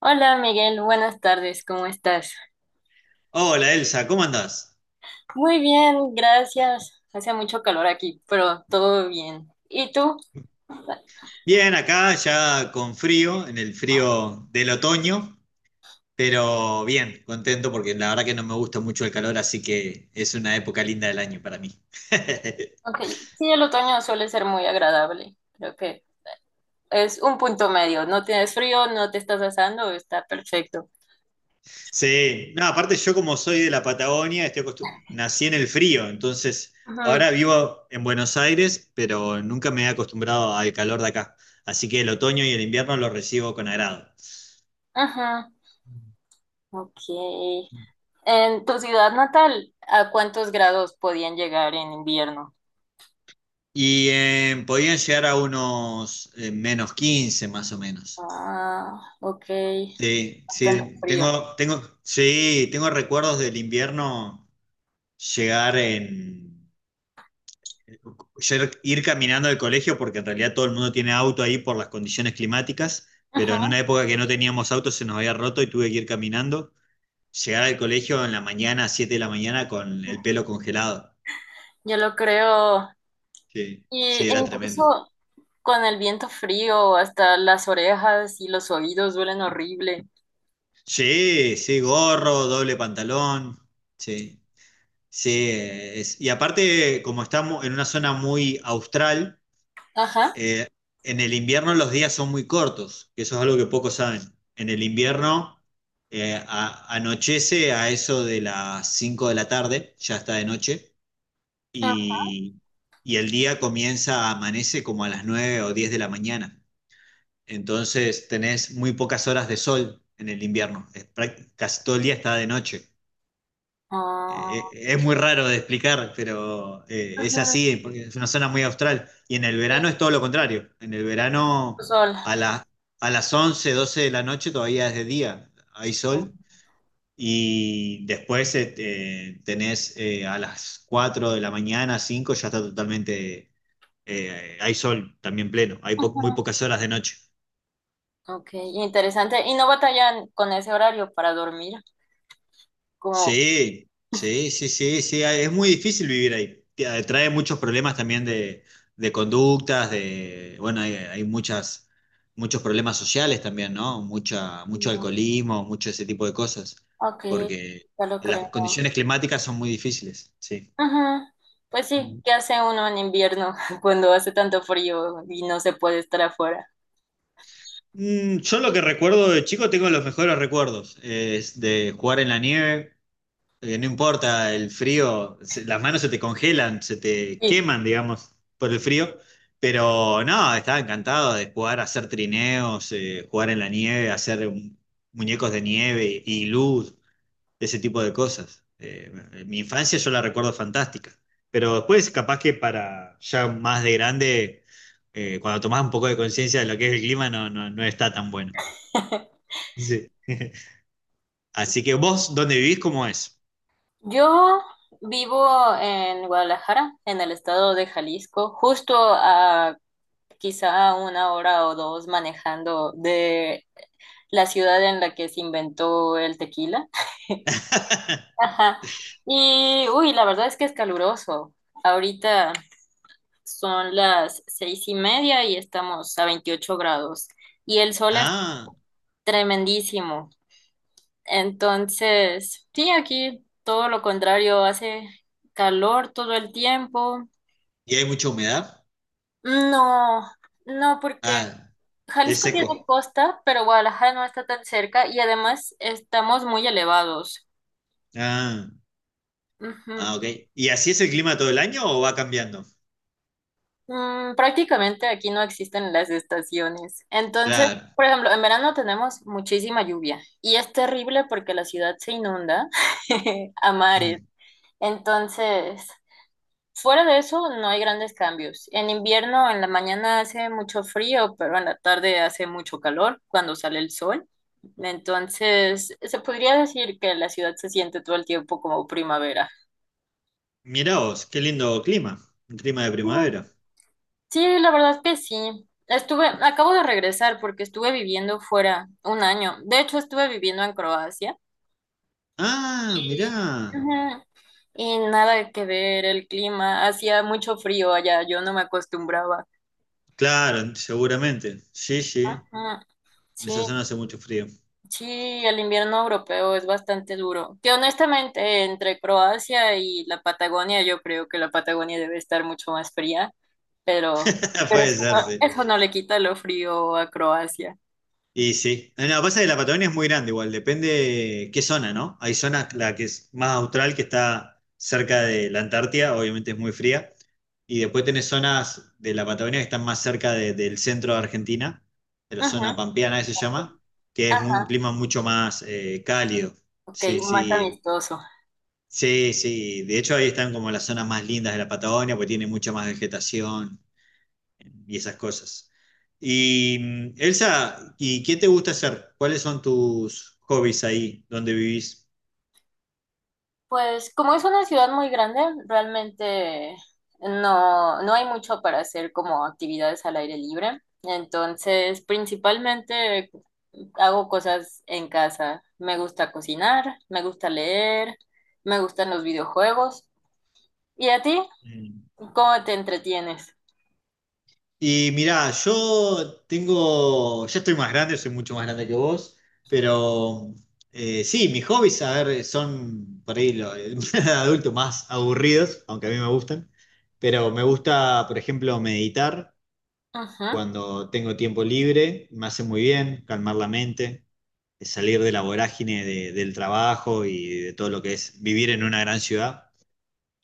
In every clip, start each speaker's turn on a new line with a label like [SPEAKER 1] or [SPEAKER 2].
[SPEAKER 1] Hola Miguel, buenas tardes, ¿cómo estás?
[SPEAKER 2] Hola Elsa, ¿cómo andás?
[SPEAKER 1] Muy bien, gracias. Hace mucho calor aquí, pero todo bien. ¿Y tú?
[SPEAKER 2] Bien, acá ya con frío, en el frío del otoño, pero bien, contento porque la verdad que no me gusta mucho el calor, así que es una época linda del año para mí.
[SPEAKER 1] Ok, sí, el otoño suele ser muy agradable. Creo que es un punto medio. No tienes frío, no te estás asando, está perfecto.
[SPEAKER 2] Sí, no, aparte yo como soy de la Patagonia, estoy nací en el frío, entonces
[SPEAKER 1] Ujú,
[SPEAKER 2] ahora vivo en Buenos Aires, pero nunca me he acostumbrado al calor de acá, así que el otoño y el invierno los recibo con agrado.
[SPEAKER 1] ujú, ok. En tu ciudad natal, ¿a cuántos grados podían llegar en invierno?
[SPEAKER 2] Podían llegar a unos -15, más o menos.
[SPEAKER 1] Ah, ok,
[SPEAKER 2] Sí,
[SPEAKER 1] bastante
[SPEAKER 2] sí,
[SPEAKER 1] frío.
[SPEAKER 2] tengo recuerdos del invierno llegar en, ir caminando al colegio porque en realidad todo el mundo tiene auto ahí por las condiciones climáticas, pero
[SPEAKER 1] Ujú,
[SPEAKER 2] en una época que no teníamos auto se nos había roto y tuve que ir caminando, llegar al colegio en la mañana, 7 de la mañana con el pelo congelado.
[SPEAKER 1] yo lo creo.
[SPEAKER 2] Sí,
[SPEAKER 1] Y
[SPEAKER 2] sí, era tremendo.
[SPEAKER 1] incluso con el viento frío, hasta las orejas y los oídos duelen horrible.
[SPEAKER 2] Sí, sí, gorro, doble pantalón, sí, sí, y aparte como estamos en una zona muy austral,
[SPEAKER 1] Ajá.
[SPEAKER 2] eh, en el invierno los días son muy cortos, que eso es algo que pocos saben. En el invierno anochece a eso de las 5 de la tarde, ya está de noche, y, y el día comienza, amanece como a las 9 o 10 de la mañana. Entonces tenés muy pocas horas de sol en el invierno, es casi todo el día está de noche.
[SPEAKER 1] Ah,
[SPEAKER 2] Eh, es muy raro de explicar, pero es
[SPEAKER 1] ajá.
[SPEAKER 2] así, porque es una zona muy austral. Y en el
[SPEAKER 1] Sí,
[SPEAKER 2] verano es todo lo contrario. En el verano,
[SPEAKER 1] sol.
[SPEAKER 2] a la- a las 11 12 de la noche todavía es de día, hay sol. Y después tenés, a las 4 de la mañana, 5 ya está totalmente, hay sol también pleno, hay muy
[SPEAKER 1] Ajá.
[SPEAKER 2] pocas horas de noche.
[SPEAKER 1] Ok, interesante. ¿Y no batallan con ese horario para dormir, como,
[SPEAKER 2] Sí, sí, sí, sí, sí, ah, es muy difícil vivir ahí. Trae muchos problemas también de conductas, de, bueno, hay muchas, muchos problemas sociales también, ¿no? Mucho
[SPEAKER 1] mm,
[SPEAKER 2] alcoholismo, mucho ese tipo de cosas,
[SPEAKER 1] ok,
[SPEAKER 2] porque
[SPEAKER 1] ya lo
[SPEAKER 2] las
[SPEAKER 1] creo?
[SPEAKER 2] condiciones climáticas son muy difíciles, sí.
[SPEAKER 1] Ajá. Pues sí,
[SPEAKER 2] Mm,
[SPEAKER 1] ¿qué hace uno en invierno cuando hace tanto frío y no se puede estar afuera?
[SPEAKER 2] Yo lo que recuerdo de chico tengo los mejores recuerdos, es de jugar en la nieve. No importa el frío, las manos se te congelan, se te
[SPEAKER 1] Sí.
[SPEAKER 2] queman, digamos, por el frío. Pero no, estaba encantado de jugar, hacer trineos, jugar en la nieve, muñecos de nieve y luz, ese tipo de cosas. Mi infancia yo la recuerdo fantástica. Pero después, capaz que para ya más de grande, cuando tomás un poco de conciencia de lo que es el clima, no está tan bueno. Sí. Así que vos, ¿dónde vivís? ¿Cómo es?
[SPEAKER 1] Yo vivo en Guadalajara, en el estado de Jalisco, justo a quizá una hora o dos manejando de la ciudad en la que se inventó el tequila. Ajá. Y, uy, la verdad es que es caluroso. Ahorita son las 6:30 y estamos a 28 grados. Y el sol es
[SPEAKER 2] Ah.
[SPEAKER 1] tremendísimo. Entonces, sí, aquí todo lo contrario, hace calor todo el tiempo.
[SPEAKER 2] ¿Y hay mucha humedad?
[SPEAKER 1] No, no, porque
[SPEAKER 2] Ah, es
[SPEAKER 1] Jalisco tiene
[SPEAKER 2] seco.
[SPEAKER 1] costa, pero Guadalajara no está tan cerca y además estamos muy elevados.
[SPEAKER 2] Ah,
[SPEAKER 1] Ujú.
[SPEAKER 2] ah, ok. ¿Y así es el clima todo el año o va cambiando?
[SPEAKER 1] Mm, prácticamente aquí no existen las estaciones. Entonces,
[SPEAKER 2] Claro.
[SPEAKER 1] por ejemplo, en verano tenemos muchísima lluvia y es terrible porque la ciudad se inunda a mares.
[SPEAKER 2] Mm.
[SPEAKER 1] Entonces, fuera de eso, no hay grandes cambios. En invierno, en la mañana hace mucho frío, pero en la tarde hace mucho calor cuando sale el sol. Entonces, se podría decir que la ciudad se siente todo el tiempo como primavera.
[SPEAKER 2] Mirá vos, qué lindo clima. Un clima de
[SPEAKER 1] Mm,
[SPEAKER 2] primavera.
[SPEAKER 1] sí, la verdad que sí. Estuve, acabo de regresar porque estuve viviendo fuera un año. De hecho, estuve viviendo en Croacia.
[SPEAKER 2] Ah,
[SPEAKER 1] Y,
[SPEAKER 2] mirá.
[SPEAKER 1] ujú, y nada que ver el clima. Hacía mucho frío allá, yo no me acostumbraba.
[SPEAKER 2] Claro, seguramente. Sí, sí.
[SPEAKER 1] Ujú,
[SPEAKER 2] En esa
[SPEAKER 1] sí,
[SPEAKER 2] zona hace mucho frío.
[SPEAKER 1] sí, el invierno europeo es bastante duro. Que honestamente, entre Croacia y la Patagonia, yo creo que la Patagonia debe estar mucho más fría, pero, pero
[SPEAKER 2] Puede ser, sí.
[SPEAKER 1] eso no le quita lo frío a Croacia.
[SPEAKER 2] Y sí. Ah, no, pasa que la Patagonia es muy grande igual, depende qué zona, ¿no? Hay zonas, la que es más austral, que está cerca de la Antártida, obviamente es muy fría. Y después tenés zonas de la Patagonia que están más cerca del centro de Argentina, de la zona
[SPEAKER 1] Ajá,
[SPEAKER 2] pampeana, que se llama, que es un
[SPEAKER 1] ajá.
[SPEAKER 2] clima mucho más cálido.
[SPEAKER 1] Ok,
[SPEAKER 2] Sí,
[SPEAKER 1] más
[SPEAKER 2] sí.
[SPEAKER 1] amistoso.
[SPEAKER 2] Sí, sí. De hecho, ahí están como las zonas más lindas de la Patagonia, porque tiene mucha más vegetación y esas cosas. Elsa, ¿y qué te gusta hacer? ¿Cuáles son tus hobbies ahí donde vivís?
[SPEAKER 1] Pues como es una ciudad muy grande, realmente no hay mucho para hacer como actividades al aire libre. Entonces, principalmente hago cosas en casa. Me gusta cocinar, me gusta leer, me gustan los videojuegos. ¿Y a ti?
[SPEAKER 2] Mm.
[SPEAKER 1] ¿Cómo te entretienes?
[SPEAKER 2] Y mirá, ya estoy más grande, soy mucho más grande que vos, pero sí, mis hobbies, a ver, son por ahí los adultos más aburridos, aunque a mí me gustan, pero me gusta, por ejemplo, meditar
[SPEAKER 1] Ujú.
[SPEAKER 2] cuando tengo tiempo libre, me hace muy bien, calmar la mente. De salir de la vorágine del trabajo y de todo lo que es vivir en una gran ciudad,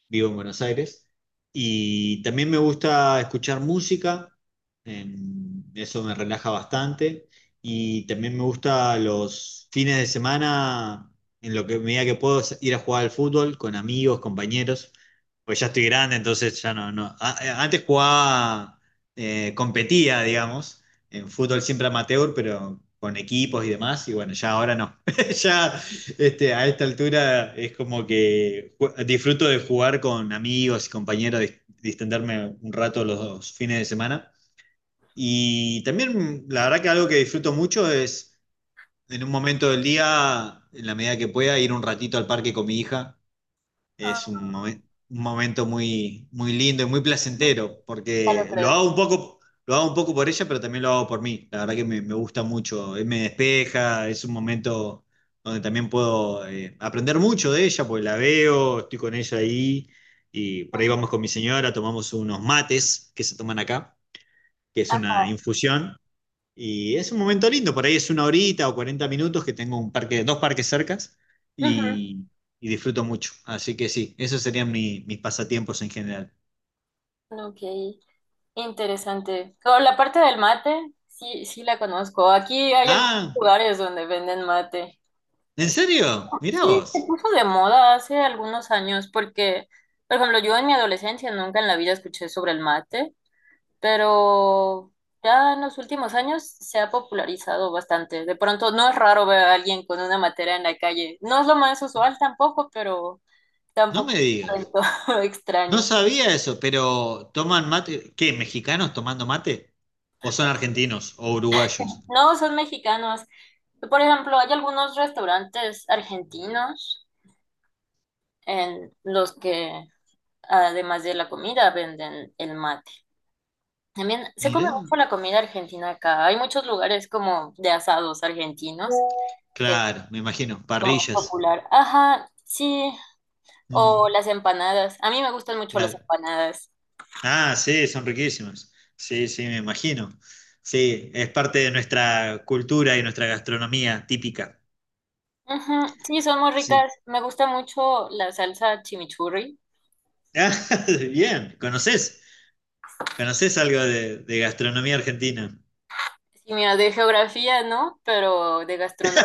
[SPEAKER 2] vivo en Buenos Aires. Y también me gusta escuchar música, eso me relaja bastante. Y también me gusta los fines de semana, en lo que medida que puedo, ir a jugar al fútbol con amigos, compañeros. Pues ya estoy grande, entonces ya no, no. A- Antes jugaba, competía, digamos, en fútbol siempre amateur, pero con equipos y demás. Y bueno, ya ahora no. Ya a esta altura es como que disfruto de jugar con amigos y compañeros, distenderme un rato los fines de semana. Y también la verdad que algo que disfruto mucho es, en un momento del día, en la medida que pueda, ir un ratito al parque con mi hija.
[SPEAKER 1] Ah,
[SPEAKER 2] es un, momen- un momento muy, muy lindo y muy placentero,
[SPEAKER 1] ya lo
[SPEAKER 2] porque
[SPEAKER 1] creo.
[SPEAKER 2] lo hago un poco por ella, pero también lo hago por mí. La verdad que me gusta mucho, me despeja, es un momento donde también puedo aprender mucho de ella, porque la veo, estoy con ella ahí, y por ahí vamos con mi señora, tomamos unos mates que se toman acá, que es
[SPEAKER 1] Ah,
[SPEAKER 2] una infusión, y es un momento lindo, por ahí es una horita o 40 minutos que tengo un parque, dos parques cercas
[SPEAKER 1] ujú.
[SPEAKER 2] y, y disfruto mucho. Así que sí, esos serían mis pasatiempos en general.
[SPEAKER 1] Ok. Interesante. Con la parte del mate, sí, sí la conozco. Aquí hay algunos
[SPEAKER 2] Ah,
[SPEAKER 1] lugares donde venden mate.
[SPEAKER 2] ¿en serio? Mirá
[SPEAKER 1] Sí, se
[SPEAKER 2] vos,
[SPEAKER 1] puso de moda hace algunos años porque, por ejemplo, yo en mi adolescencia nunca en la vida escuché sobre el mate, pero ya en los últimos años se ha popularizado bastante. De pronto no es raro ver a alguien con una matera en la calle. No es lo más usual tampoco, pero
[SPEAKER 2] no me
[SPEAKER 1] tampoco es
[SPEAKER 2] digas.
[SPEAKER 1] algo
[SPEAKER 2] No
[SPEAKER 1] extraño.
[SPEAKER 2] sabía eso, pero ¿toman mate? ¿Qué? ¿Mexicanos tomando mate? ¿O son argentinos o uruguayos?
[SPEAKER 1] No, son mexicanos. Por ejemplo, hay algunos restaurantes argentinos en los que, además de la comida, venden el mate. También se come
[SPEAKER 2] Mirá,
[SPEAKER 1] mucho la comida argentina acá. Hay muchos lugares como de asados argentinos, que es
[SPEAKER 2] claro, me imagino,
[SPEAKER 1] lo más
[SPEAKER 2] parrillas.
[SPEAKER 1] popular. Ajá, sí. O
[SPEAKER 2] Mm,
[SPEAKER 1] las empanadas. A mí me gustan mucho las
[SPEAKER 2] claro.
[SPEAKER 1] empanadas.
[SPEAKER 2] Ah, sí, son riquísimas. Sí, sí, me imagino. Sí, es parte de nuestra cultura y nuestra gastronomía típica.
[SPEAKER 1] Ujú, sí, son muy
[SPEAKER 2] Sí.
[SPEAKER 1] ricas. Me gusta mucho la salsa chimichurri.
[SPEAKER 2] Ah, bien, ¿conoces? ¿Conoces algo de gastronomía argentina?
[SPEAKER 1] Sí, mira, de geografía, ¿no? Pero de gastronomía.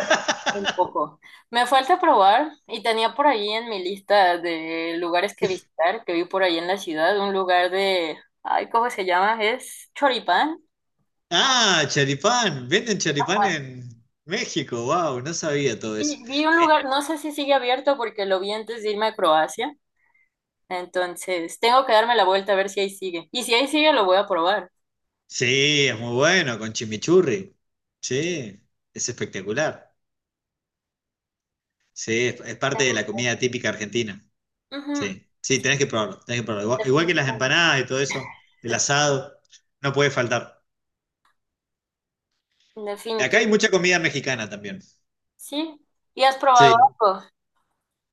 [SPEAKER 1] Un poco. Me falta probar y tenía por ahí en mi lista de lugares que visitar, que vi por ahí en la ciudad, un lugar de, ay, ¿cómo se llama? Es Choripán.
[SPEAKER 2] Ah, charipán, venden charipán en México, wow, no sabía todo eso.
[SPEAKER 1] Y vi un
[SPEAKER 2] Eh,
[SPEAKER 1] lugar, no sé si sigue abierto porque lo vi antes de irme a Croacia, entonces tengo que darme la vuelta a ver si ahí sigue. Y si ahí sigue, lo voy a probar.
[SPEAKER 2] sí, es muy bueno, con chimichurri. Sí, es espectacular. Sí, es parte de
[SPEAKER 1] Tengo-
[SPEAKER 2] la comida típica argentina.
[SPEAKER 1] Ujú,
[SPEAKER 2] Sí, sí, tenés que probarlo, tenés que probarlo. Igual, igual que las
[SPEAKER 1] definitivamente.
[SPEAKER 2] empanadas y todo eso, el asado, no puede faltar. Acá hay
[SPEAKER 1] Definitivo.
[SPEAKER 2] mucha comida mexicana también.
[SPEAKER 1] Sí. ¿Y has probado
[SPEAKER 2] Sí.
[SPEAKER 1] algo?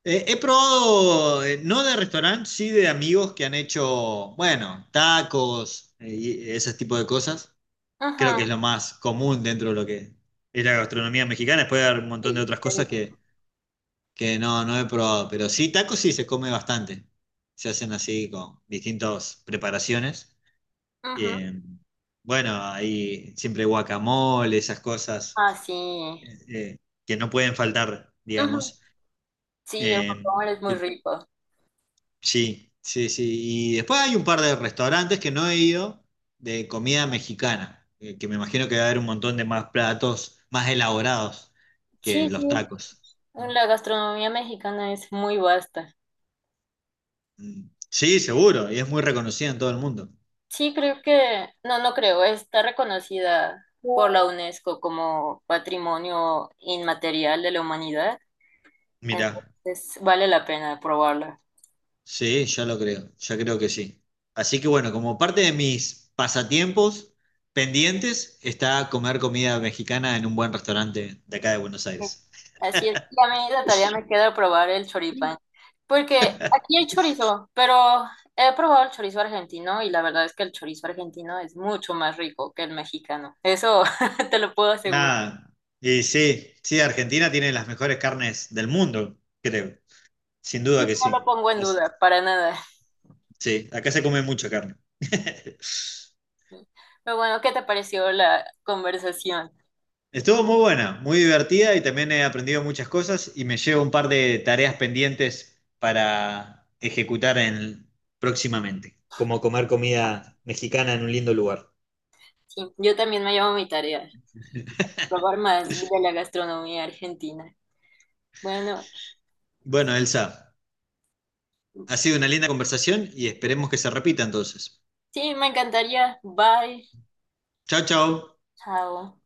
[SPEAKER 2] He probado, no de restaurante, sí de amigos que han hecho, bueno, tacos y ese tipo de cosas. Creo
[SPEAKER 1] Ujú,
[SPEAKER 2] que es lo más común dentro de lo que es la gastronomía mexicana. Después hay un montón de
[SPEAKER 1] sí.
[SPEAKER 2] otras cosas
[SPEAKER 1] Sí.
[SPEAKER 2] que no he probado. Pero sí, tacos sí se come bastante. Se hacen así con distintas preparaciones.
[SPEAKER 1] Ujú,
[SPEAKER 2] Eh, bueno, ahí siempre guacamole, esas cosas
[SPEAKER 1] ah, sí.
[SPEAKER 2] eh, que no pueden faltar,
[SPEAKER 1] Ujú,
[SPEAKER 2] digamos.
[SPEAKER 1] sí, el
[SPEAKER 2] Eh,
[SPEAKER 1] guacamole es muy
[SPEAKER 2] eh,
[SPEAKER 1] rico.
[SPEAKER 2] sí, sí, sí. Y después hay un par de restaurantes que no he ido de comida mexicana, que me imagino que va a haber un montón de más platos más elaborados que
[SPEAKER 1] Sí,
[SPEAKER 2] los
[SPEAKER 1] sí,
[SPEAKER 2] tacos.
[SPEAKER 1] la gastronomía mexicana es muy vasta.
[SPEAKER 2] Sí, seguro, y es muy reconocida en todo el mundo.
[SPEAKER 1] Sí, creo que, no, no creo, está reconocida por la UNESCO como Patrimonio Inmaterial de la Humanidad,
[SPEAKER 2] Mira.
[SPEAKER 1] entonces vale la pena probarla.
[SPEAKER 2] Sí, ya lo creo, ya creo que sí. Así que bueno, como parte de mis pasatiempos pendientes está comer comida mexicana en un buen restaurante de acá de Buenos
[SPEAKER 1] Sí.
[SPEAKER 2] Aires.
[SPEAKER 1] Así es, y a mí la tarea me queda probar el choripán, porque aquí hay chorizo, pero he probado el chorizo argentino y la verdad es que el chorizo argentino es mucho más rico que el mexicano, eso te lo puedo asegurar.
[SPEAKER 2] Ah, y sí, sí, Argentina tiene las mejores carnes del mundo, creo. Sin duda
[SPEAKER 1] Sí,
[SPEAKER 2] que
[SPEAKER 1] no lo
[SPEAKER 2] sí.
[SPEAKER 1] pongo en
[SPEAKER 2] Es-
[SPEAKER 1] duda, para nada.
[SPEAKER 2] sí, acá se come mucha carne.
[SPEAKER 1] Pero bueno, ¿qué te pareció la conversación?
[SPEAKER 2] Estuvo muy buena, muy divertida y también he aprendido muchas cosas y me llevo un par de tareas pendientes para ejecutar en, próximamente, como comer comida mexicana en un lindo lugar.
[SPEAKER 1] Sí, yo también me llevo mi tarea, probar más de la gastronomía argentina. Bueno, pues
[SPEAKER 2] Bueno, Elsa, ha sido una linda conversación y esperemos que se repita entonces.
[SPEAKER 1] sí, me encantaría. Bye.
[SPEAKER 2] Chao, chao.
[SPEAKER 1] Chao.